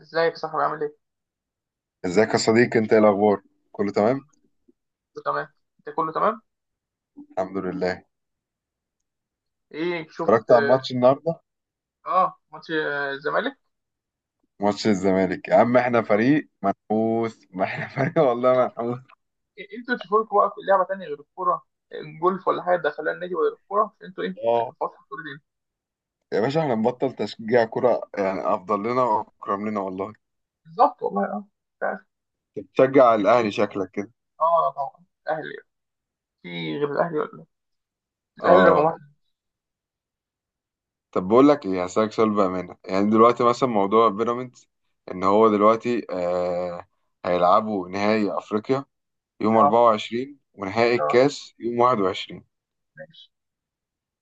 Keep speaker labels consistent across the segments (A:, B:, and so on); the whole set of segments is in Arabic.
A: ازيك يا صاحبي، عامل ايه؟
B: ازيك يا صديقي، انت ايه الاخبار؟ كله تمام،
A: كله تمام. انت كله تمام؟
B: الحمد لله.
A: ايه شفت؟
B: اتفرجت على
A: اه.
B: الماتش النهارده.
A: ماتش الزمالك.
B: ماتش الزمالك يا عم، احنا فريق منحوس، ما احنا فريق والله منحوس.
A: إيه، انتوا تشوفوا لكم بقى في لعبه تانيه غير الكوره؟ إيه، جولف ولا حاجه، دخلها النادي ولا الكوره عشان انتوا ايه بقيتوا
B: اه،
A: فاصل كل دي.
B: يا باشا احنا نبطل تشجيع كرة يعني افضل لنا واكرم لنا والله.
A: بالظبط والله. اه. مش عارف.
B: أنت بتشجع
A: يعني
B: الاهلي
A: ليه؟
B: شكلك كده.
A: اه طبعا الاهلي. في. غير الاهلي ولا إيه؟ الاهلي رقم
B: اه.
A: واحد.
B: طب بقول لك ايه، هسألك سؤال بامانه. يعني دلوقتي مثلا موضوع بيراميدز، ان هو دلوقتي هيلعبوا نهائي افريقيا يوم
A: اه.
B: 24، ونهائي
A: اه.
B: الكاس يوم 21.
A: ماشي.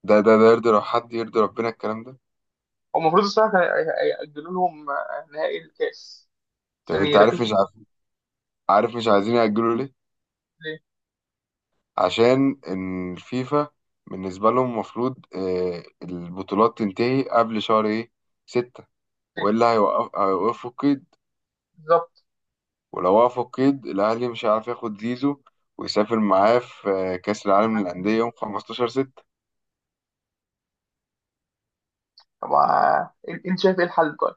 B: ده يرضي؟ لو حد يرضي ربنا الكلام ده.
A: هو المفروض الصراحه كان يأجلوا لهم نهائي الكاس
B: طب
A: عشان
B: انت عارف
A: يركزوا
B: مش
A: في الكورة.
B: عارف، عارف مش عايزين يأجلوا ليه؟
A: ليه؟
B: عشان ان الفيفا بالنسبة لهم المفروض البطولات تنتهي قبل شهر ايه، ستة،
A: ليه؟
B: والا هيوقفوا القيد.
A: بالظبط.
B: ولو وقفوا القيد الاهلي مش هيعرف ياخد زيزو ويسافر معاه في كأس العالم للأندية يوم 15 ستة.
A: طب انت شايف ايه الحل طيب؟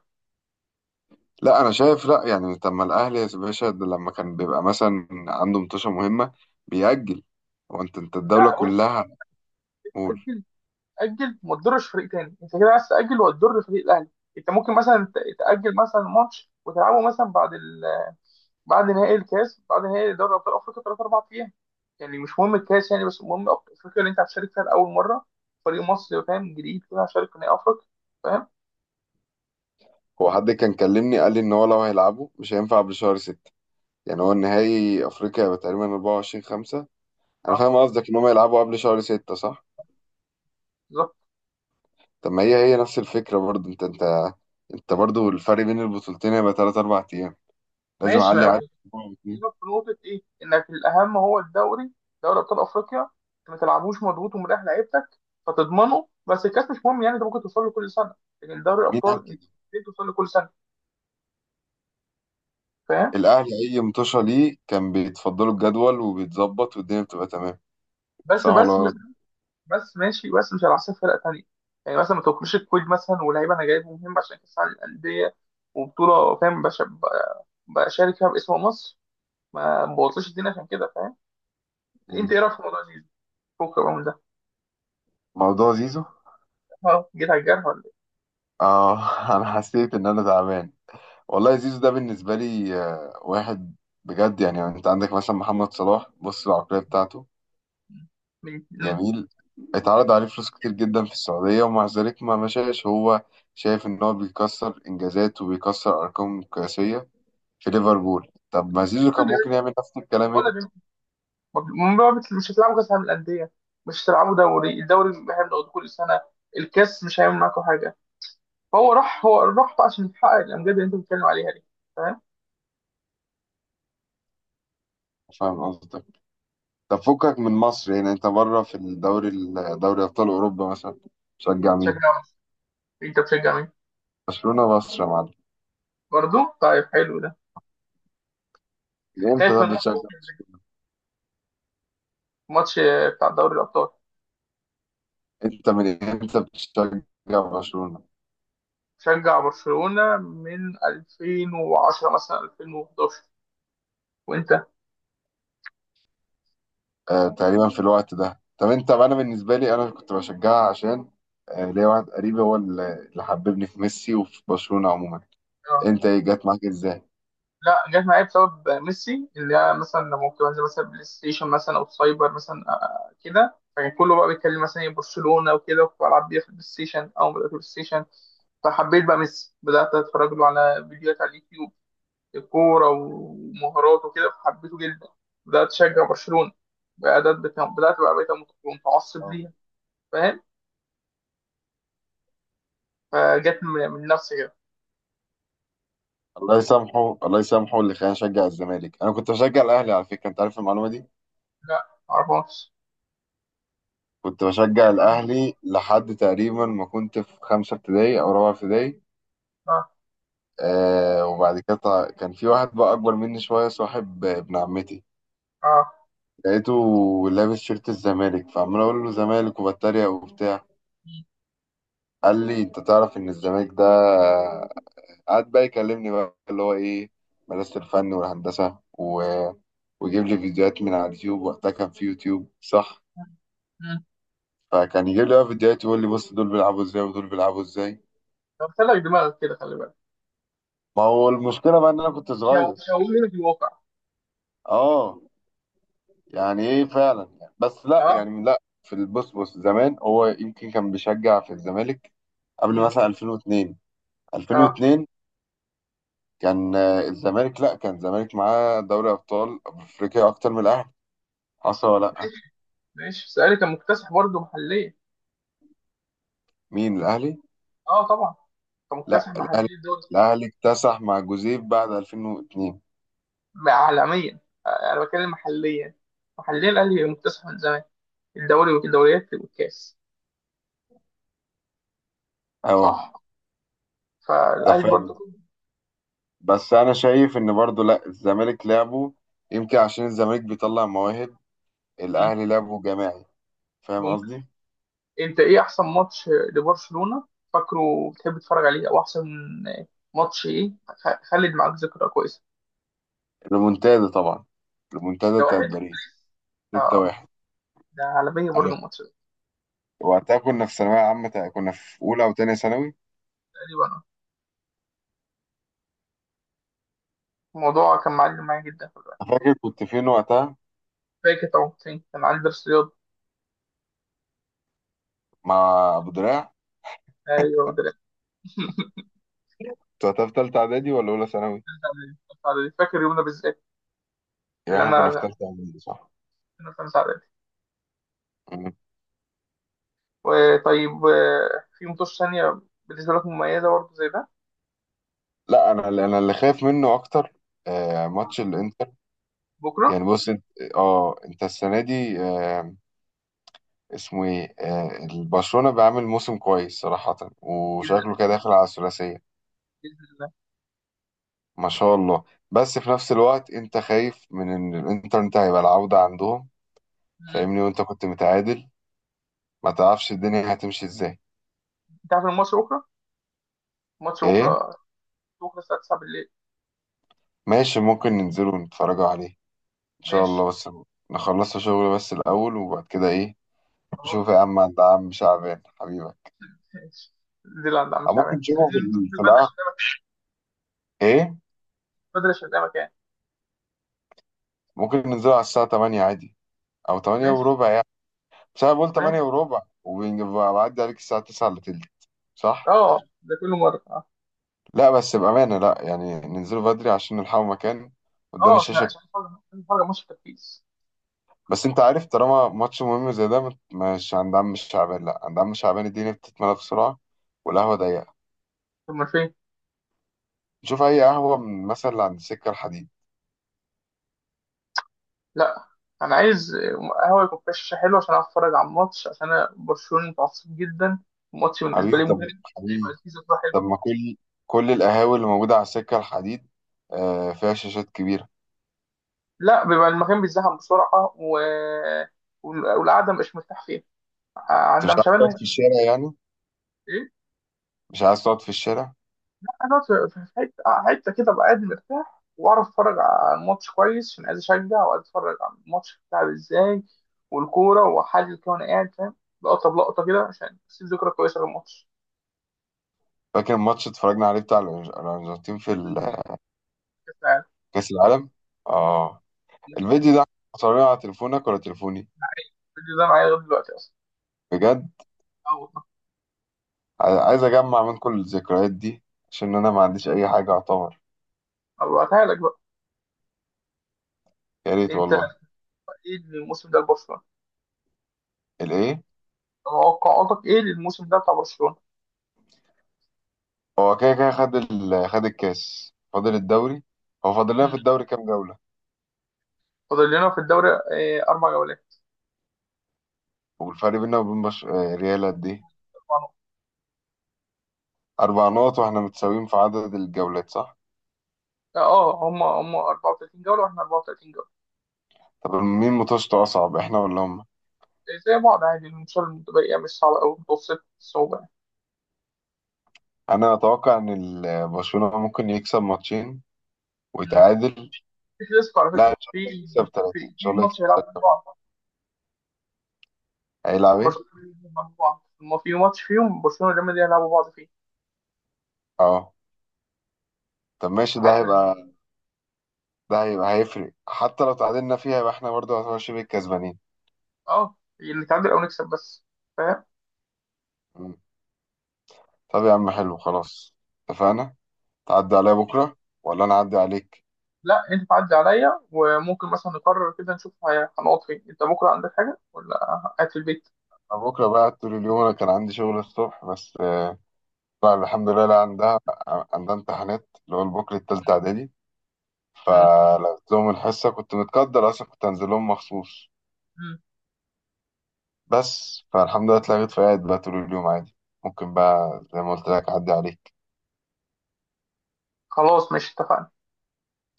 B: لا انا شايف، لا يعني طب ما الاهلي يا باشا ده لما كان بيبقى مثلا عنده مطوشة مهمة بيأجل، وانت الدولة
A: لا.
B: كلها.
A: بص.
B: قول.
A: اجل وما تضرش فريق تاني، انت كده عايز تاجل وهتضر فريق الاهلي. انت ممكن مثلا تاجل مثلا ماتش وتلعبه مثلا بعد نهائي الكاس، بعد نهائي دوري ابطال افريقيا 3 4 ايام. يعني مش مهم الكاس يعني، بس المهم افريقيا اللي انت هتشارك فيها لاول مره، فريق مصري فاهم جديد كده هشارك في نهائي افريقيا، فاهم.
B: هو حد كان كلمني قال لي ان هو لو هيلعبه مش هينفع قبل شهر ستة. يعني هو النهائي افريقيا هيبقى تقريبا 24 5. انا
A: اه.
B: فاهم قصدك ان هم يلعبوا قبل شهر ستة، صح؟
A: بالظبط.
B: طب ما هي، هي نفس الفكرة برضه. انت برضه الفرق بين البطولتين هيبقى 3 4 ايام، لازم
A: ماشي
B: اعلي
A: ما،
B: على أسبوع أو اتنين.
A: بكلمك في نقطة إيه؟ إنك الأهم هو الدوري، دوري أبطال أفريقيا، أنت ما تلعبوش مضغوط ومريح لعيبتك فتضمنه، بس الكاس مش مهم يعني، أنت ممكن توصل له كل سنة، لكن دوري
B: مين
A: الأبطال
B: قال
A: أنت
B: كده؟
A: مستحيل توصل له كل سنة، فاهم؟
B: الاهلي اي مطوشة ليه كان بيتفضلوا الجدول وبيتظبط والدنيا بتبقى تمام،
A: بس
B: صح ولا
A: بس
B: غلط؟
A: بس ماشي، بس مش على حساب فرق تانية، يعني مثلا ما تاكلش الكويت مثلا ولاعيبة أنا جايبهم مهم عشان كأس العالم للأندية وبطولة، فاهم بشارك فيها باسم مصر، ما بوظش الدنيا عشان كده فاهم؟ أنت إيه رأيك في الموضوع ده؟ فكك بقى من ده.
B: موضوع زيزو.
A: أه، جيت على الجرح ولا إيه؟
B: اه. انا حسيت ان انا تعبان والله. زيزو ده بالنسبة لي واحد بجد يعني. انت عندك مثلا محمد صلاح، بص العقلية بتاعته
A: مم.
B: جميل. اتعرض عليه فلوس كتير جدا في السعودية ومع ذلك ما مشاش، هو شايف ان هو بيكسر انجازات وبيكسر ارقام قياسية في ليفربول. طب ما زيزو كان ممكن يعمل نفس الكلام
A: ولا
B: هنا.
A: ما بت- مش هتلعبوا كاس عالم الانديه، مش هتلعبوا دوري، الدوري احنا بناخده كل سنه، الكاس مش هيعمل معاكم حاجه، فهو راح بقى عشان يحقق الامجاد اللي انت بتتكلم عليها دي، فاهم.
B: فاهم قصدك. طب فكك من مصر، يعني انت بره في دوري ابطال اوروبا مثلا بتشجع مين؟
A: تشجع مين؟ انت بتشجع مين؟
B: برشلونة مصر يا معلم.
A: برضه طيب. حلو ده.
B: من امتى
A: خايف
B: ده
A: من ماتش
B: بتشجع
A: بكرة؟
B: برشلونة؟
A: الماتش بتاع دوري الابطال.
B: انت من امتى بتشجع برشلونة؟
A: شجع برشلونه من 2010 مثلا 2011. وانت؟
B: تقريبا في الوقت ده. طب انت، انا بالنسبه لي انا كنت بشجعها عشان ليا واحد قريبي هو اللي حببني في ميسي وفي برشلونه عموما. انت ايه جت معاك ازاي؟
A: لا، جت معايا بسبب ميسي، اللي هي مثلا لما كنت بنزل مثلا بلاي ستيشن مثلا او سايبر مثلا، كده، فكان كله بقى بيتكلم مثلا إيه برشلونه وكده، وكنت بلعب بيها في البلاي ستيشن او بدات بلاي ستيشن فحبيت بقى ميسي، بدات اتفرج له على فيديوهات على اليوتيوب، الكوره ومهارات وكده، فحبيته جدا، بدات اشجع برشلونه، بدات بتا- بدات بقى بقيت متعصب
B: اه.
A: ليها. فاهم. فجت من نفسي كده.
B: الله يسامحه، الله يسامحه اللي خلاني اشجع الزمالك. انا كنت بشجع الاهلي على فكره، انت عارف المعلومه دي؟
A: لا، معرفهاش.
B: كنت بشجع الاهلي لحد تقريبا ما كنت في خمسه ابتدائي او رابعه ابتدائي.
A: اه.
B: آه، وبعد كده كان في واحد بقى اكبر مني شويه، صاحب ابن عمتي.
A: اه.
B: لقيته لابس شيرت الزمالك، فعمال اقول له زمالك وبتريق وبتاع.
A: م-
B: قال لي انت تعرف ان الزمالك ده، قعد بقى يكلمني بقى اللي هو ايه، مدرسة الفن والهندسة، و... ويجيب لي فيديوهات من على اليوتيوب. وقتها كان في يوتيوب، صح؟
A: م.
B: فكان يجيب لي بقى فيديوهات يقول لي بص، دول بيلعبوا ازاي ودول بيلعبوا ازاي.
A: قلت لك دماغك كده، خلي بالك.
B: ما هو المشكلة بقى ان انا كنت صغير.
A: شوهنا في الواقع.
B: اه. يعني ايه فعلا يعني. بس لا
A: اه.
B: يعني، لا، في البص زمان هو يمكن كان بيشجع في الزمالك قبل
A: مم.
B: مثلا 2002.
A: اه.
B: 2002 كان الزمالك، لا كان الزمالك معاه دوري ابطال افريقيا اكتر من الاهلي، حصل ولا لا؟
A: ماشي. ماشي، بس الاهلي كان مكتسح برضه محليا.
B: مين الاهلي؟
A: اه طبعا. كان
B: لا
A: مكتسح
B: الاهلي،
A: محليا دول.
B: الاهلي اكتسح مع جوزيب بعد 2002.
A: عالميا، انا بتكلم محليا، محليا الاهلي مكتسح من زمان، الدوري والدوريات والكاس.
B: اهو.
A: صح.
B: ده
A: فالاهلي
B: فعلا.
A: برضه.
B: بس انا شايف ان برضو لا، الزمالك لعبه، يمكن عشان الزمالك بيطلع مواهب،
A: مم.
B: الاهلي لعبه جماعي. فاهم
A: ممكن.
B: قصدي؟
A: انت ايه احسن ماتش لبرشلونة فاكره، بتحب تتفرج عليه، او احسن ماتش ايه خلد معاك ذكرى كويسة؟
B: ريمونتادا طبعا، ريمونتادا بتاعت
A: 6-1.
B: باريس
A: اه،
B: 6-1.
A: ده عالمية برضه
B: أنا-
A: الماتش ده.
B: وقتها كنا في ثانوية عامة، كنا في أولى أو تانية ثانوي.
A: تقريبا. الموضوع كان معلم معايا جدا.
B: فاكر كنت فين وقتها،
A: فاكر طبعا، حسين كان عندي درس رياضة.
B: مع أبو دراع؟
A: ايوه هو ده اللي.
B: انت في تالتة اعدادي ولا اولى ثانوي؟
A: خمسة إعدادي. فاكر يومنا بالذات.
B: يبقى
A: اللي
B: احنا كنا في
A: انا
B: تالتة اعدادي، صح؟
A: كنا في خمسة اعدادي.
B: مم.
A: وطيب، في مطوش ثانية بالنسبة لك مميزة برضه زي ده؟
B: لا انا اللي، انا اللي خايف منه اكتر، آه ماتش الانتر.
A: بكرة.
B: يعني بص انت، اه انت السنة دي آه، اسمه ايه؟ آه البرشلونة بيعمل موسم كويس صراحة،
A: جدا.
B: وشكله كده داخل على الثلاثية.
A: بإذن الله.
B: ما شاء الله. بس في نفس الوقت انت خايف من ان الانتر انت هيبقى العودة عندهم.
A: مم.
B: فاهمني؟ وانت كنت متعادل، ما تعرفش الدنيا هتمشي ازاي.
A: أنت عارف الماتش بكرة؟ الماتش
B: ايه؟
A: بكرة. بكرة الساعة 9 بالليل.
B: ماشي ممكن ننزلوا نتفرجوا عليه ان شاء
A: ماشي.
B: الله. بس نخلص شغل بس الاول، وبعد كده ايه، نشوف يا
A: خلاص.
B: عم عند عم شعبان حبيبك.
A: ماشي. دي اللي عند عم
B: أو ممكن
A: شعبان، بس عايزين ننزل
B: في القهوة. ايه
A: بدري عشان نعمل يعني.
B: ممكن ننزله على الساعه 8 عادي، او 8
A: ماشي.
B: وربع يعني. بس انا بقول
A: ماشي.
B: 8 وربع، وبعدي عليك الساعه 9 الا تلت، صح؟
A: اه ده كل مرة. اه.
B: لا بس بامانه لا يعني، ننزله بدري عشان نلحقوا مكان قدام الشاشه.
A: عشان نتفرج على ماتش التركيز.
B: بس انت عارف طالما ماتش مهم زي ده، مش عند عم شعبان، لا عند عم شعبان الدنيا بتتملى بسرعه والقهوه ضيقه.
A: طب ما فين؟
B: نشوف اي قهوه من مثلا اللي عند السكه الحديد.
A: لا، انا عايز قهوه يكون فيها شاشه حلوه، عشان اعرف اتفرج على الماتش، عشان انا برشلونه متعصب جدا، الماتش بالنسبه لي
B: حبيبي
A: مهم،
B: طب،
A: هيبقى
B: حبيبي،
A: فيه ذكرى
B: طب
A: حلوه.
B: ما كل، كل القهاوي اللي موجودة على السكة الحديد فيها شاشات كبيرة.
A: لا، بيبقى المكان بيتزحم بسرعه والقعده مش مرتاح فيها
B: انت
A: عندها،
B: مش عايز
A: مش عارف.
B: تقعد في الشارع يعني؟
A: ايه.
B: مش عايز تقعد في الشارع.
A: انا في حته، حته كده ابقى قاعد مرتاح واعرف اتفرج على الماتش كويس، عشان عايز اشجع وعايز اتفرج على الماتش بتاعي ازاي والكوره، واحلل كده وانا قاعد فاهم، لقطه بلقطه كده عشان اسيب ذكرى كويسه للماتش.
B: فاكر الماتش اتفرجنا عليه بتاع الأرجنتين في
A: لازم تيجي. كاس
B: كأس العالم؟ اه.
A: العالم.
B: الفيديو ده صورناه على تليفونك ولا تليفوني؟
A: الفيديو ده معايا لغايه دلوقتي اصلا.
B: بجد؟
A: او.
B: عايز اجمع من كل الذكريات دي عشان انا ما عنديش اي حاجة اعتبر.
A: ابعتها لك بقى.
B: يا ريت
A: انت
B: والله.
A: ايه الموسم ده لبرشلونه؟
B: الايه؟
A: توقعاتك ايه للموسم ده بتاع برشلونه؟
B: هو كده كده خد ال، خد الكاس فاضل الدوري. هو فاضل لنا في
A: مم.
B: الدوري كام جولة؟
A: فاضل لنا في الدوري اربع جولات.
B: والفرق بيننا وبين بش... آه، ريال قد إيه؟
A: اربع نقط.
B: أربع نقط، وإحنا متساويين في عدد الجولات، صح؟
A: اه، هم 34 جوله واحنا 34 جوله.
B: طب مين ماتشته أصعب، إحنا ولا هم؟
A: إيه، زي بعض عادي، الماتشات المتبقيه مش صعبه قوي، متوسط الصعوبه يعني.
B: أنا أتوقع إن برشلونة ممكن يكسب ماتشين
A: مم.
B: ويتعادل.
A: في كلاسيكو على فكره.
B: لا إن شاء
A: في
B: الله يكسب
A: في
B: ثلاثة، إن
A: في
B: شاء الله يكسب
A: ماتش هيلعبوا
B: ثلاثة.
A: بعض.
B: هيلعب إيه؟
A: برشلونه هيلعبوا بعض، ما في ماتش فيهم برشلونه وريال مدريد هيلعبوا بعض فيه.
B: أه. طب ماشي، ده
A: عادي.
B: هيبقى ده هيبقى هيفرق، حتى لو تعادلنا فيها يبقى إحنا برضه هنبقى شبه الكسبانين.
A: اه، اللي نتعادل او نكسب بس، فاهم.
B: مم. طب يا عم حلو خلاص، اتفقنا. تعدي عليا بكرة ولا أنا أعدي عليك؟
A: لا، انت تعدي عليا، وممكن مثلا نقرر كده نشوف هنقعد فين، انت بكره عندك حاجه ولا قاعد في البيت؟
B: أنا بكرة بقى طول اليوم، أنا كان عندي شغل الصبح بس لا الحمد لله، لا عندها، عندها امتحانات اللي هو البوكلة التالتة إعدادي،
A: مم.
B: فلقيت لهم الحصة كنت متقدر أصلا، كنت هنزل لهم مخصوص.
A: مم.
B: بس فالحمد لله اتلغيت، فقاعد بقى طول اليوم عادي. ممكن بقى زي ما قلت لك أعدي عليك.
A: خلاص ماشي، اتفقنا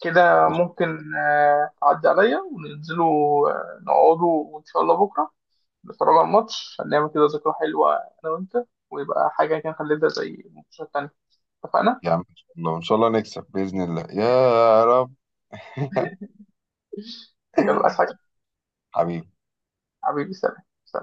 A: كده. ممكن تعدي عليا وننزلوا، نقعدوا، وان شاء الله بكره نتفرج على الماتش، هنعمل كده ذكرى حلوه انا وانت، ويبقى حاجه كده نخلدها زي الماتشات التانيه. اتفقنا.
B: يا عم إن شاء الله، إن شاء الله نكسب بإذن الله يا رب.
A: يلا، عايز حاجه؟
B: حبيبي.
A: حبيبي، سلام.